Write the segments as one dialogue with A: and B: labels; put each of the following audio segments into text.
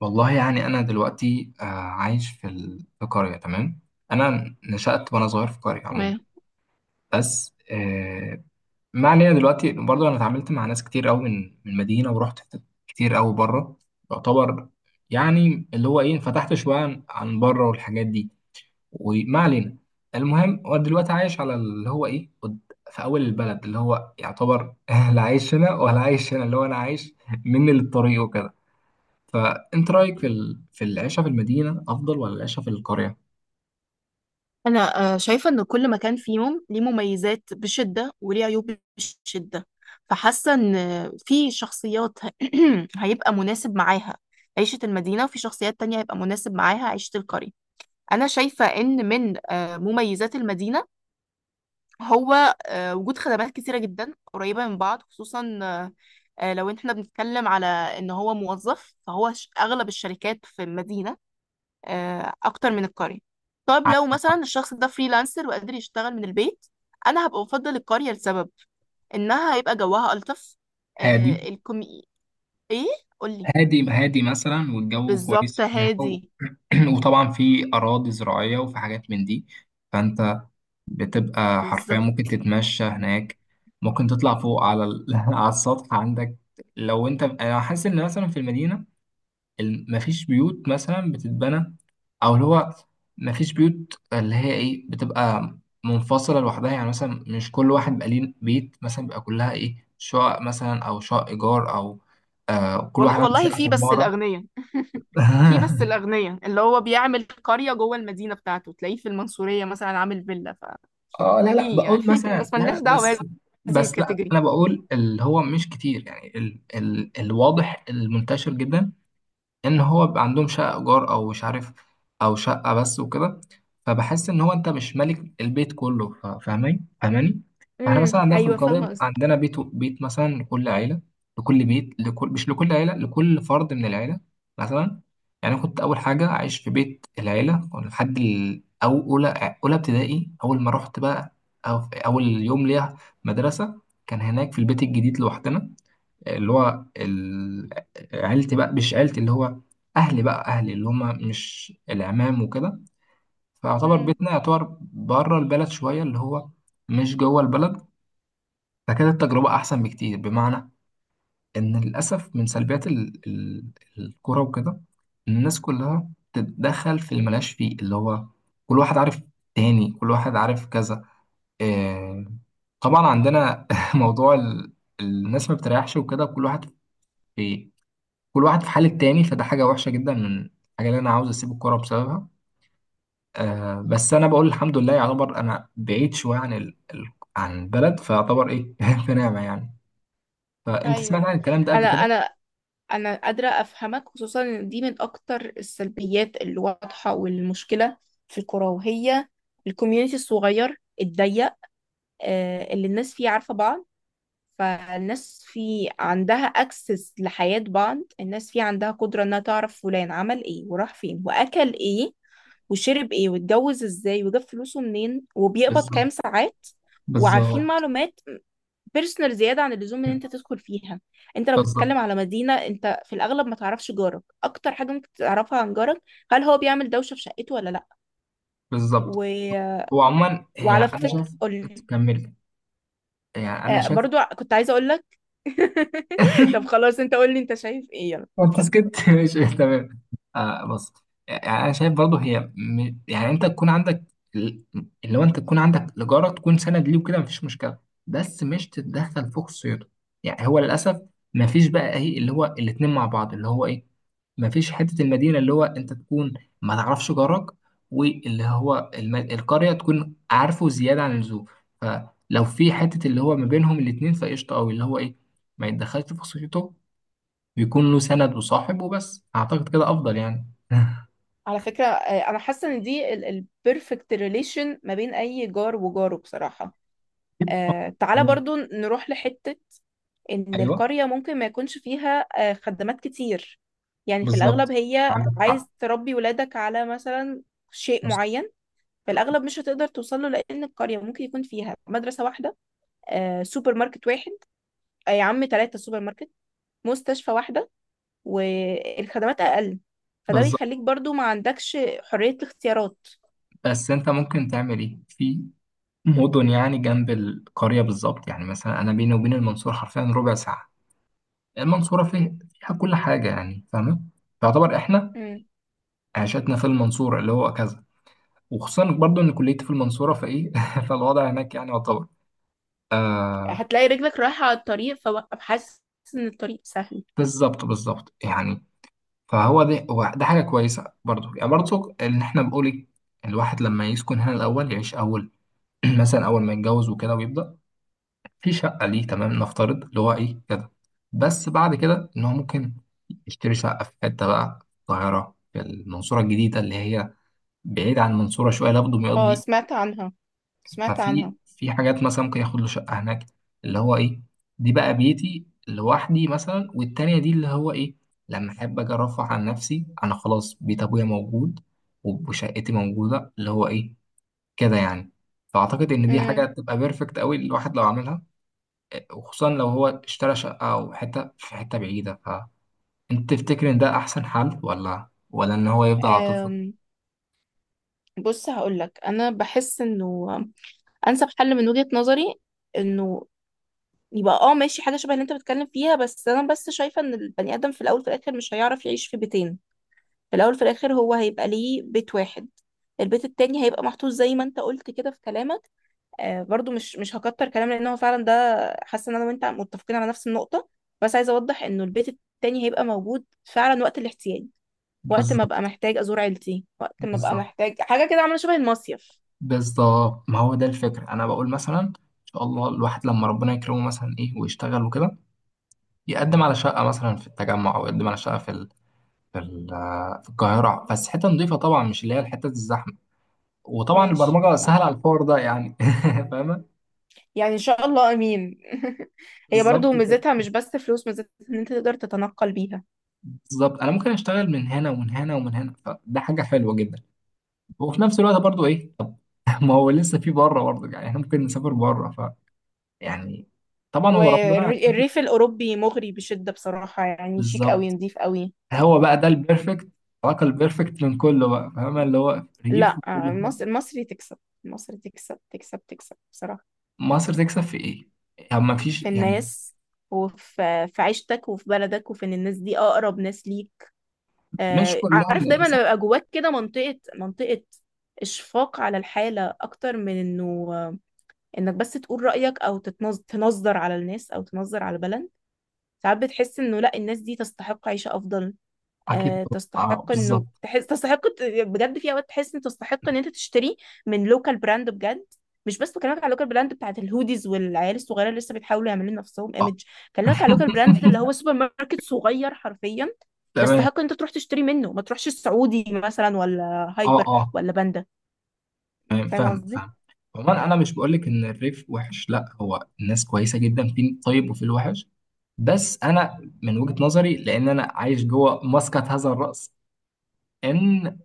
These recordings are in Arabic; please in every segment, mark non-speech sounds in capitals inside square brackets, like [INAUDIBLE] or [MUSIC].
A: والله يعني أنا دلوقتي عايش في في قرية. تمام، أنا نشأت وأنا صغير في قرية عموما.
B: تمام.
A: بس ما علينا. دلوقتي برضه أنا اتعاملت مع ناس كتير أوي من المدينة، ورحت حتت كتير أوي بره. يعتبر يعني اللي هو إيه، انفتحت شوية عن بره والحاجات دي، وما علينا. المهم هو دلوقتي عايش على اللي هو إيه في أول البلد اللي هو يعتبر [LAUGHS] لا عايش هنا ولا عايش هنا، اللي هو أنا عايش مني للطريق وكده. فانت رايك في العيشه في المدينه افضل ولا العيشه في القريه؟
B: انا شايفه ان كل مكان فيهم ليه مميزات بشده وليه عيوب بشده. فحاسه ان في شخصيات [CLEARS THROAT] هيبقى مناسب معاها عيشه المدينه، وفي شخصيات تانية هيبقى مناسب معاها عيشه القريه. انا شايفه ان من مميزات المدينه هو وجود خدمات كتيره جدا قريبه من بعض، خصوصا لو احنا بنتكلم على ان هو موظف، فهو اغلب الشركات في المدينه اكتر من القرية. طب لو مثلا الشخص ده فريلانسر وقادر يشتغل من البيت، انا هبقى بفضل القرية لسبب انها هيبقى جواها الطف.
A: هادي.
B: الكومي. ايه؟ قولي.
A: هادي مثلا، والجو
B: بالظبط،
A: كويس فيها
B: هادي.
A: [CLEARS THROAT] وطبعا في اراضي زراعيه وفي حاجات من دي. فانت بتبقى حرفيا ممكن
B: بالظبط.
A: تتمشى هناك. ممكن تطلع فوق على [LAUGHS] على السطح عندك. لو انت، انا حاسس ان مثلا في المدينه مفيش بيوت مثلا بتتبنى، او اللي هو مفيش بيوت اللي هي ايه بتبقى منفصله لوحدها. يعني مثلا مش كل واحد بقى ليه بيت، مثلا بيبقى كلها ايه، شقق مثلا، او شقق ايجار، او آه كل واحد
B: والله
A: عنده
B: والله،
A: شقه في
B: في بس
A: عماره.
B: الاغنياء. في بس
A: [LAUGHS]
B: الاغنياء اللي هو بيعمل قرية جوه المدينة بتاعته، تلاقيه في المنصورية مثلا عامل فيلا.
A: اه، لا
B: ففي يعني
A: بقول
B: [LAUGHS]
A: مثلا،
B: بس
A: لا
B: ملناش
A: لا
B: دعوة
A: بس،
B: بهذه
A: بس لا
B: الكاتيجوري.
A: انا بقول اللي هو مش كتير. يعني ال الواضح المنتشر جدا ان هو بيبقى عندهم شقه ايجار او مش عارف، او شقه بس وكده. فبحس ان هو انت مش مالك البيت كله، فاهمين، فاهماني؟ احنا مثلا
B: امم،
A: عندنا في
B: ايوه،
A: القريه
B: فاهمة
A: بيبقى
B: قصدي.
A: عندنا بيت. بيت مثلا لكل عيله، لكل بيت، لكل، مش لكل عيله، لكل فرد من العيله مثلا. يعني أنا كنت اول حاجه عايش في بيت العيله لحد ال- او اولى ابتدائي. اول ما رحت بقى، أو اول يوم ليا مدرسه، كان هناك في البيت الجديد لوحدنا. اللي هو عيلتي بقى، مش عيلتي، اللي هو اهلي بقى. اهلي اللي هما مش العمام وكده. فيعتبر
B: امم،
A: بيتنا يعتبر بره البلد شويه، اللي هو مش جوه البلد. فكانت التجربه احسن بكتير، بمعنى ان للاسف من سلبيات الكوره وكده، إن الناس كلها تتدخل في اللي ملهاش فيه، اللي هو كل واحد عارف، تاني كل واحد عارف كذا. إيه طبعا عندنا [LAUGHS] موضوع الناس ما بتريحش وكده. كل واحد في، كل واحد في حال التاني. فده حاجة وحشة جدا، من الحاجة اللي أنا عاوز أسيب الكورة بسببها. آه بس أنا بقول الحمد لله، يعتبر أنا بعيد شوية عن عن البلد، فيعتبر إيه [LAUGHS] في نعمة يعني. فأنت سمعت
B: ايوه.
A: عن الكلام ده قبل
B: انا
A: كده؟
B: انا انا قادره افهمك، خصوصا ان دي من اكتر السلبيات اللي واضحه، والمشكله في الكوره، وهي الكوميونتي الصغير الضيق. اللي الناس فيه عارفه بعض. فالناس في عندها اكسس لحياة بعض، الناس في عندها قدرة انها تعرف فلان عمل ايه، وراح فين، واكل ايه، وشرب ايه، واتجوز ازاي، وجاب فلوسه منين، وبيقبض
A: بالظبط،
B: كام ساعات. وعارفين
A: بالظبط.
B: معلومات بيرسونال زيادة عن اللزوم ان انت تدخل فيها. انت لو بتتكلم
A: بالظبط،
B: على مدينة، انت في الاغلب ما تعرفش جارك. اكتر حاجة ممكن تعرفها عن جارك: هل هو بيعمل دوشة في شقته ولا لا.
A: بالظبط.
B: و...
A: هو عموما هي
B: وعلى
A: أنا
B: فكرة
A: شايف،
B: قولي.
A: كملت. يعني أنا شايف،
B: برضو كنت عايزة اقول لك. [LAUGHS] طب خلاص، انت قول لي انت شايف ايه، يلا
A: وانت
B: اتفضل.
A: سكت. [LAUGHS] ماشي تمام. آه بص، يعني انا شايف برضه هي يعني انت تكون عندك ال- اللي هو انت تكون عندك الاجاره تكون سند ليه وكده، مفيش مشكله. بس مش تتدخل في خصوصيته. يعني هو للاسف مفيش بقى ايه اللي هو الاتنين مع بعض اللي هو ايه، مفيش حته المدينه اللي هو انت تكون ما تعرفش جارك، واللي هو القريه تكون عارفه زياده عن اللزوم. فلو في حته اللي هو ما بينهم الاتنين، فقشطه قوي، اللي هو ايه ما يتدخلش في خصوصيته، بيكون له سند وصاحب وبس. اعتقد كده افضل يعني. [LAUGHS]
B: على فكرة انا حاسة ان دي البيرفكت ريليشن ما بين اي جار وجاره بصراحة. تعالى
A: هو
B: برضو نروح لحتة. ان
A: ايوه.
B: القرية ممكن ما يكونش فيها خدمات كتير. يعني في الاغلب،
A: بالظبط،
B: هي
A: عندك حق.
B: عايز تربي ولادك على مثلا شيء
A: مص-
B: معين، في الاغلب مش هتقدر توصل له، لان القرية ممكن يكون فيها مدرسة واحدة، سوبر ماركت واحد، يا عم ثلاثة سوبر ماركت، مستشفى واحدة، والخدمات اقل. فده
A: بالظبط.
B: بيخليك برضو ما عندكش حرية الاختيارات.
A: بس انت ممكن تعمل ايه في مدن يعني جنب القريه؟ بالظبط. يعني مثلا انا بيني وبين المنصوره حرفيا ربع ساعه. المنصوره فيه، فيها كل حاجه يعني، فاهمه؟ فيعتبر احنا
B: مم.
A: عيشتنا في المنصوره اللي هو كذا. وخصوصا برضو ان كليتي في المنصوره، فايه [LAUGHS] فالوضع هناك يعني يعتبر.
B: هتلاقي رجلك رايحة على الطريق، فببقى حاسس ان الطريق سهل.
A: بالظبط، بالظبط يعني. فهو ده، هو ده حاجة كويسة برضو. يعني برضو إن إحنا بنقول إيه، الواحد لما يسكن هنا الأول، يعيش أول [CLEARS THROAT] مثلا أول ما يتجوز وكده، ويبدأ في شقة ليه تمام، نفترض اللي هو إيه كده. بس بعد كده إن هو ممكن يشتري شقة في حتة بقى في القاهرة، في المنصورة الجديدة اللي هي بعيد عن المنصورة شوية، لابد ما
B: اه،
A: يقضي.
B: سمعت عنها. سمعت
A: ففي
B: عنها.
A: في حاجات مثلا ممكن ياخد له شقة هناك اللي هو ايه، دي بقى بيتي لوحدي مثلا، والتانية دي اللي هو ايه، لما احب اجي ارفه عن نفسي، انا خلاص بيت ابويا موجود وشقتي موجودة اللي هو ايه كده يعني. فاعتقد ان دي حاجة
B: امم
A: تبقى بيرفكت قوي الواحد لو عملها. وخصوصا لو هو اشترى شقة او حتة في حتة بعيدة. فانت تفتكر ان ده احسن حل، ولا ان هو يفضل على طول في؟
B: أم، بص هقولك، انا بحس انه انسب حل من وجهة نظري انه يبقى اه، ماشي، حاجه شبه اللي انت بتتكلم فيها. بس انا بس شايفه ان البني ادم في الاول في الاخر مش هيعرف يعيش في بيتين. في الاول في الاخر هو هيبقى ليه بيت واحد، البيت التاني هيبقى محطوط زي ما انت قلت كده في كلامك. برضو مش هكتر كلام لان هو فعلا ده، حاسه ان انا وانت متفقين على نفس النقطه. بس عايزه اوضح انه البيت التاني هيبقى موجود فعلا وقت الاحتياج، وقت ما ابقى
A: بالظبط،
B: محتاج ازور عيلتي، وقت ما ابقى
A: بالظبط،
B: محتاج حاجه كده، عامله شبه المصيف.
A: بالظبط. ما هو ده الفكرة، أنا بقول مثلا إن شاء الله الواحد لما ربنا يكرمه مثلا إيه ويشتغل وكده، يقدم على شقة مثلا في التجمع، أو يقدم على شقة في في ال... في القاهرة، بس حتة نظيفة طبعا، مش اللي هي الحتة الزحمة. وطبعا
B: ماشي،
A: البرمجة
B: معاك
A: سهلة على
B: حق.
A: الحوار ده يعني. [LAUGHS] فاهمة؟
B: يعني ان شاء الله، امين. [LAUGHS] هي
A: بالظبط
B: برضو
A: كده.
B: ميزتها مش بس فلوس، ميزتها ان انت تقدر تتنقل بيها.
A: بالظبط، أنا ممكن أشتغل من هنا ومن هنا ومن هنا، فده حاجة حلوة جدا. وفي نفس الوقت برضو إيه [LAUGHS] طب ما هو لسه في بره برضو، يعني إحنا ممكن نسافر بره، ف يعني، طبعا هو ربنا كاتب.
B: والريف الاوروبي مغري بشده بصراحه، يعني شيك قوي،
A: بالظبط.
B: نظيف قوي.
A: هو بقى ده البيرفكت، العلاقة البيرفكت بين كله بقى، فاهم اللي هو ريف
B: لا،
A: وكل حاجة.
B: المصري تكسب. المصري تكسب تكسب تكسب بصراحه.
A: مصر تكسب في ايه؟ يعني ما فيش
B: في
A: يعني.
B: الناس، وفي عيشتك، وفي بلدك، وفي ان الناس دي اقرب ناس ليك.
A: مش كلهم
B: عارف دايما لما
A: للأسف.
B: يبقى جواك كده منطقة منطقة، اشفاق على الحالة اكتر من انه انك بس تقول رأيك، او تنظر على الناس، او تنظر على البلد. ساعات بتحس انه لا، الناس دي تستحق عيشة افضل.
A: أكيد. طبعاً. اه
B: تستحق انه
A: بالظبط.
B: تحس، تستحق بجد، في اوقات تحس ان تستحق ان انت تشتري من لوكال براند بجد. مش بس بكلمك على اللوكال براند بتاعت الهوديز والعيال الصغيره اللي لسه بيحاولوا يعملوا لنفسهم
A: اه.
B: ايمج، بكلمك على
A: [LAUGHS]
B: اللوكال براند اللي هو سوبر ماركت صغير حرفيا،
A: تمام.
B: يستحق ان انت تروح تشتري منه ما تروحش السعودي مثلا ولا
A: اه،
B: هايبر
A: اه،
B: ولا باندا.
A: تمام،
B: فاهم
A: فاهم،
B: قصدي؟
A: فاهم. عموما انا مش بقول لك ان الريف وحش، لا، هو الناس كويسه جدا، في الطيب وفي الوحش. بس انا من وجهه نظري، لان انا عايش جوه مسقط هذا الراس، ان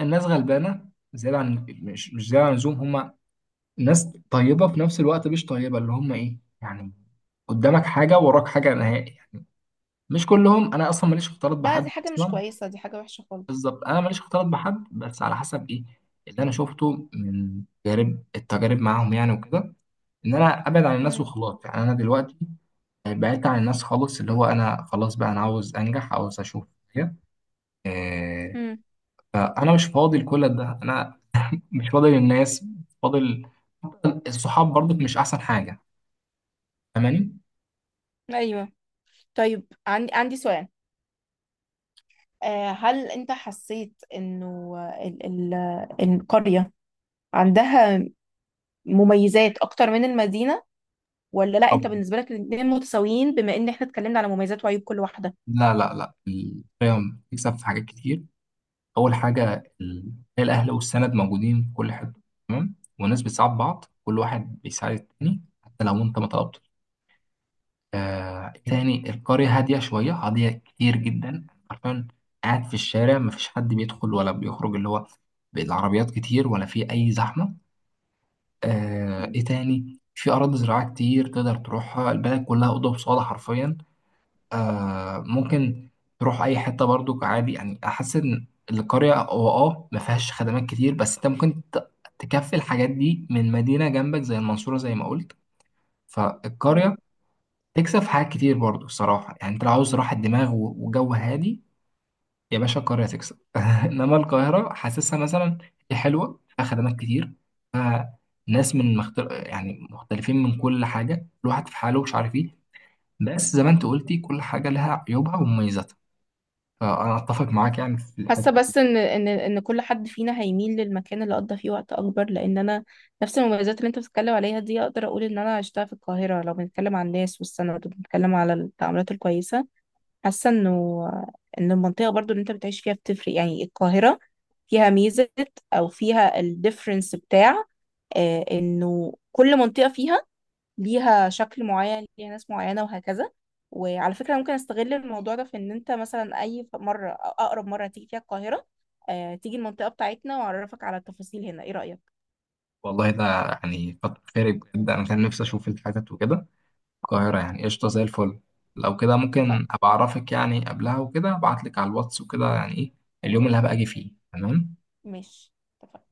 A: الناس غلبانه زياده عن، مش زياده عن اللزوم. هم ناس طيبة في نفس الوقت مش طيبة، اللي هم ايه يعني قدامك حاجة وراك حاجة نهائي يعني. مش كلهم، انا اصلا ماليش اختلاط
B: لا، دي
A: بحد
B: حاجه مش
A: اصلا.
B: كويسه، دي حاجه وحشه خالص.
A: بالظبط، انا ماليش اختلاط بحد، بس على حسب ايه اللي انا شفته من تجارب، التجارب معاهم يعني وكده. ان انا ابعد عن الناس
B: امم
A: وخلاص. يعني انا دلوقتي بعدت عن الناس خالص، اللي هو انا خلاص بقى انا عاوز انجح، عاوز اشوف حاجة. إيه
B: امم،
A: فانا مش فاضي لكل ده، انا مش فاضي للناس، فاضل الصحاب برضك مش احسن حاجة. فاهماني؟
B: ايوه. طيب، عندي سؤال. هل انت حسيت انه ال- ال- القرية عندها مميزات اكتر من المدينة، ولا لا انت بالنسبة لك الاتنين متساويين، بما ان احنا اتكلمنا على مميزات وعيوب كل واحدة.
A: لا القيم بتكسب في حاجات كتير. أول حاجة ال- الأهل والسند موجودين في كل حتة، تمام. والناس بتساعد بعض، كل واحد بيساعد التاني حتى لو أنت ما طلبتش. آه تاني، القرية هادية شوية، هادية كتير جدا، عارفين قاعد في الشارع مفيش حد بيدخل ولا بيخرج، اللي هو بالعربيات كتير، ولا في أي زحمة. آه
B: مم.
A: إيه تاني، في أراضي زراعية كتير تقدر تروحها، البلد كلها أوضة وصالة حرفيا. آه ممكن تروح اي حته برضو عادي يعني. احس ان القريه هو اه ما فيهاش خدمات كتير، بس انت ممكن تكفي الحاجات دي من مدينه جنبك زي المنصوره، زي ما قلت.
B: مم.
A: فالقريه تكسب في حاجات كتير برضو الصراحه. يعني انت لو عاوز راحه دماغ وجو هادي، يا باشا القريه تكسب. [LAUGHS] انما القاهره حاسسها مثلا هي حلوه، فيها خدمات كتير، فيها ناس من يعني مختلفين، من كل حاجه الواحد في حاله مش عارف ايه. بس زي ما انت قلتي كل حاجه لها عيوبها ومميزاتها. انا اتفق معاك يعني في
B: حاسة
A: الحته دي.
B: بس ان كل حد فينا هيميل للمكان اللي قضى فيه وقت اكبر، لان انا نفس المميزات اللي انت بتتكلم عليها دي اقدر اقول ان انا عشتها في القاهرة، لو بنتكلم عن الناس والسند، وبنتكلم على التعاملات الكويسة. حاسة ان المنطقة برضو اللي انت بتعيش فيها بتفرق. يعني القاهرة فيها ميزة، او فيها الديفرنس بتاع انه كل منطقة فيها، ليها شكل معين، ليها ناس معينة، وهكذا. وعلى فكرة، ممكن استغل الموضوع ده في ان انت مثلا اي مرة او اقرب مرة تيجي فيها القاهرة، تيجي المنطقة بتاعتنا، واعرفك على التفاصيل هنا. ايه رأيك؟
A: والله ده يعني كتر خيرك بجد، انا كان نفسي اشوف الحتت وكده. القاهره يعني قشطه زي الفل. لو كده ممكن
B: اتفقنا.
A: ابقى اعرفك يعني قبلها وكده، ابعت لك على الواتس وكده يعني ايه اليوم اللي هبقى اجي فيه. تمام.
B: ماشي. اتفقنا.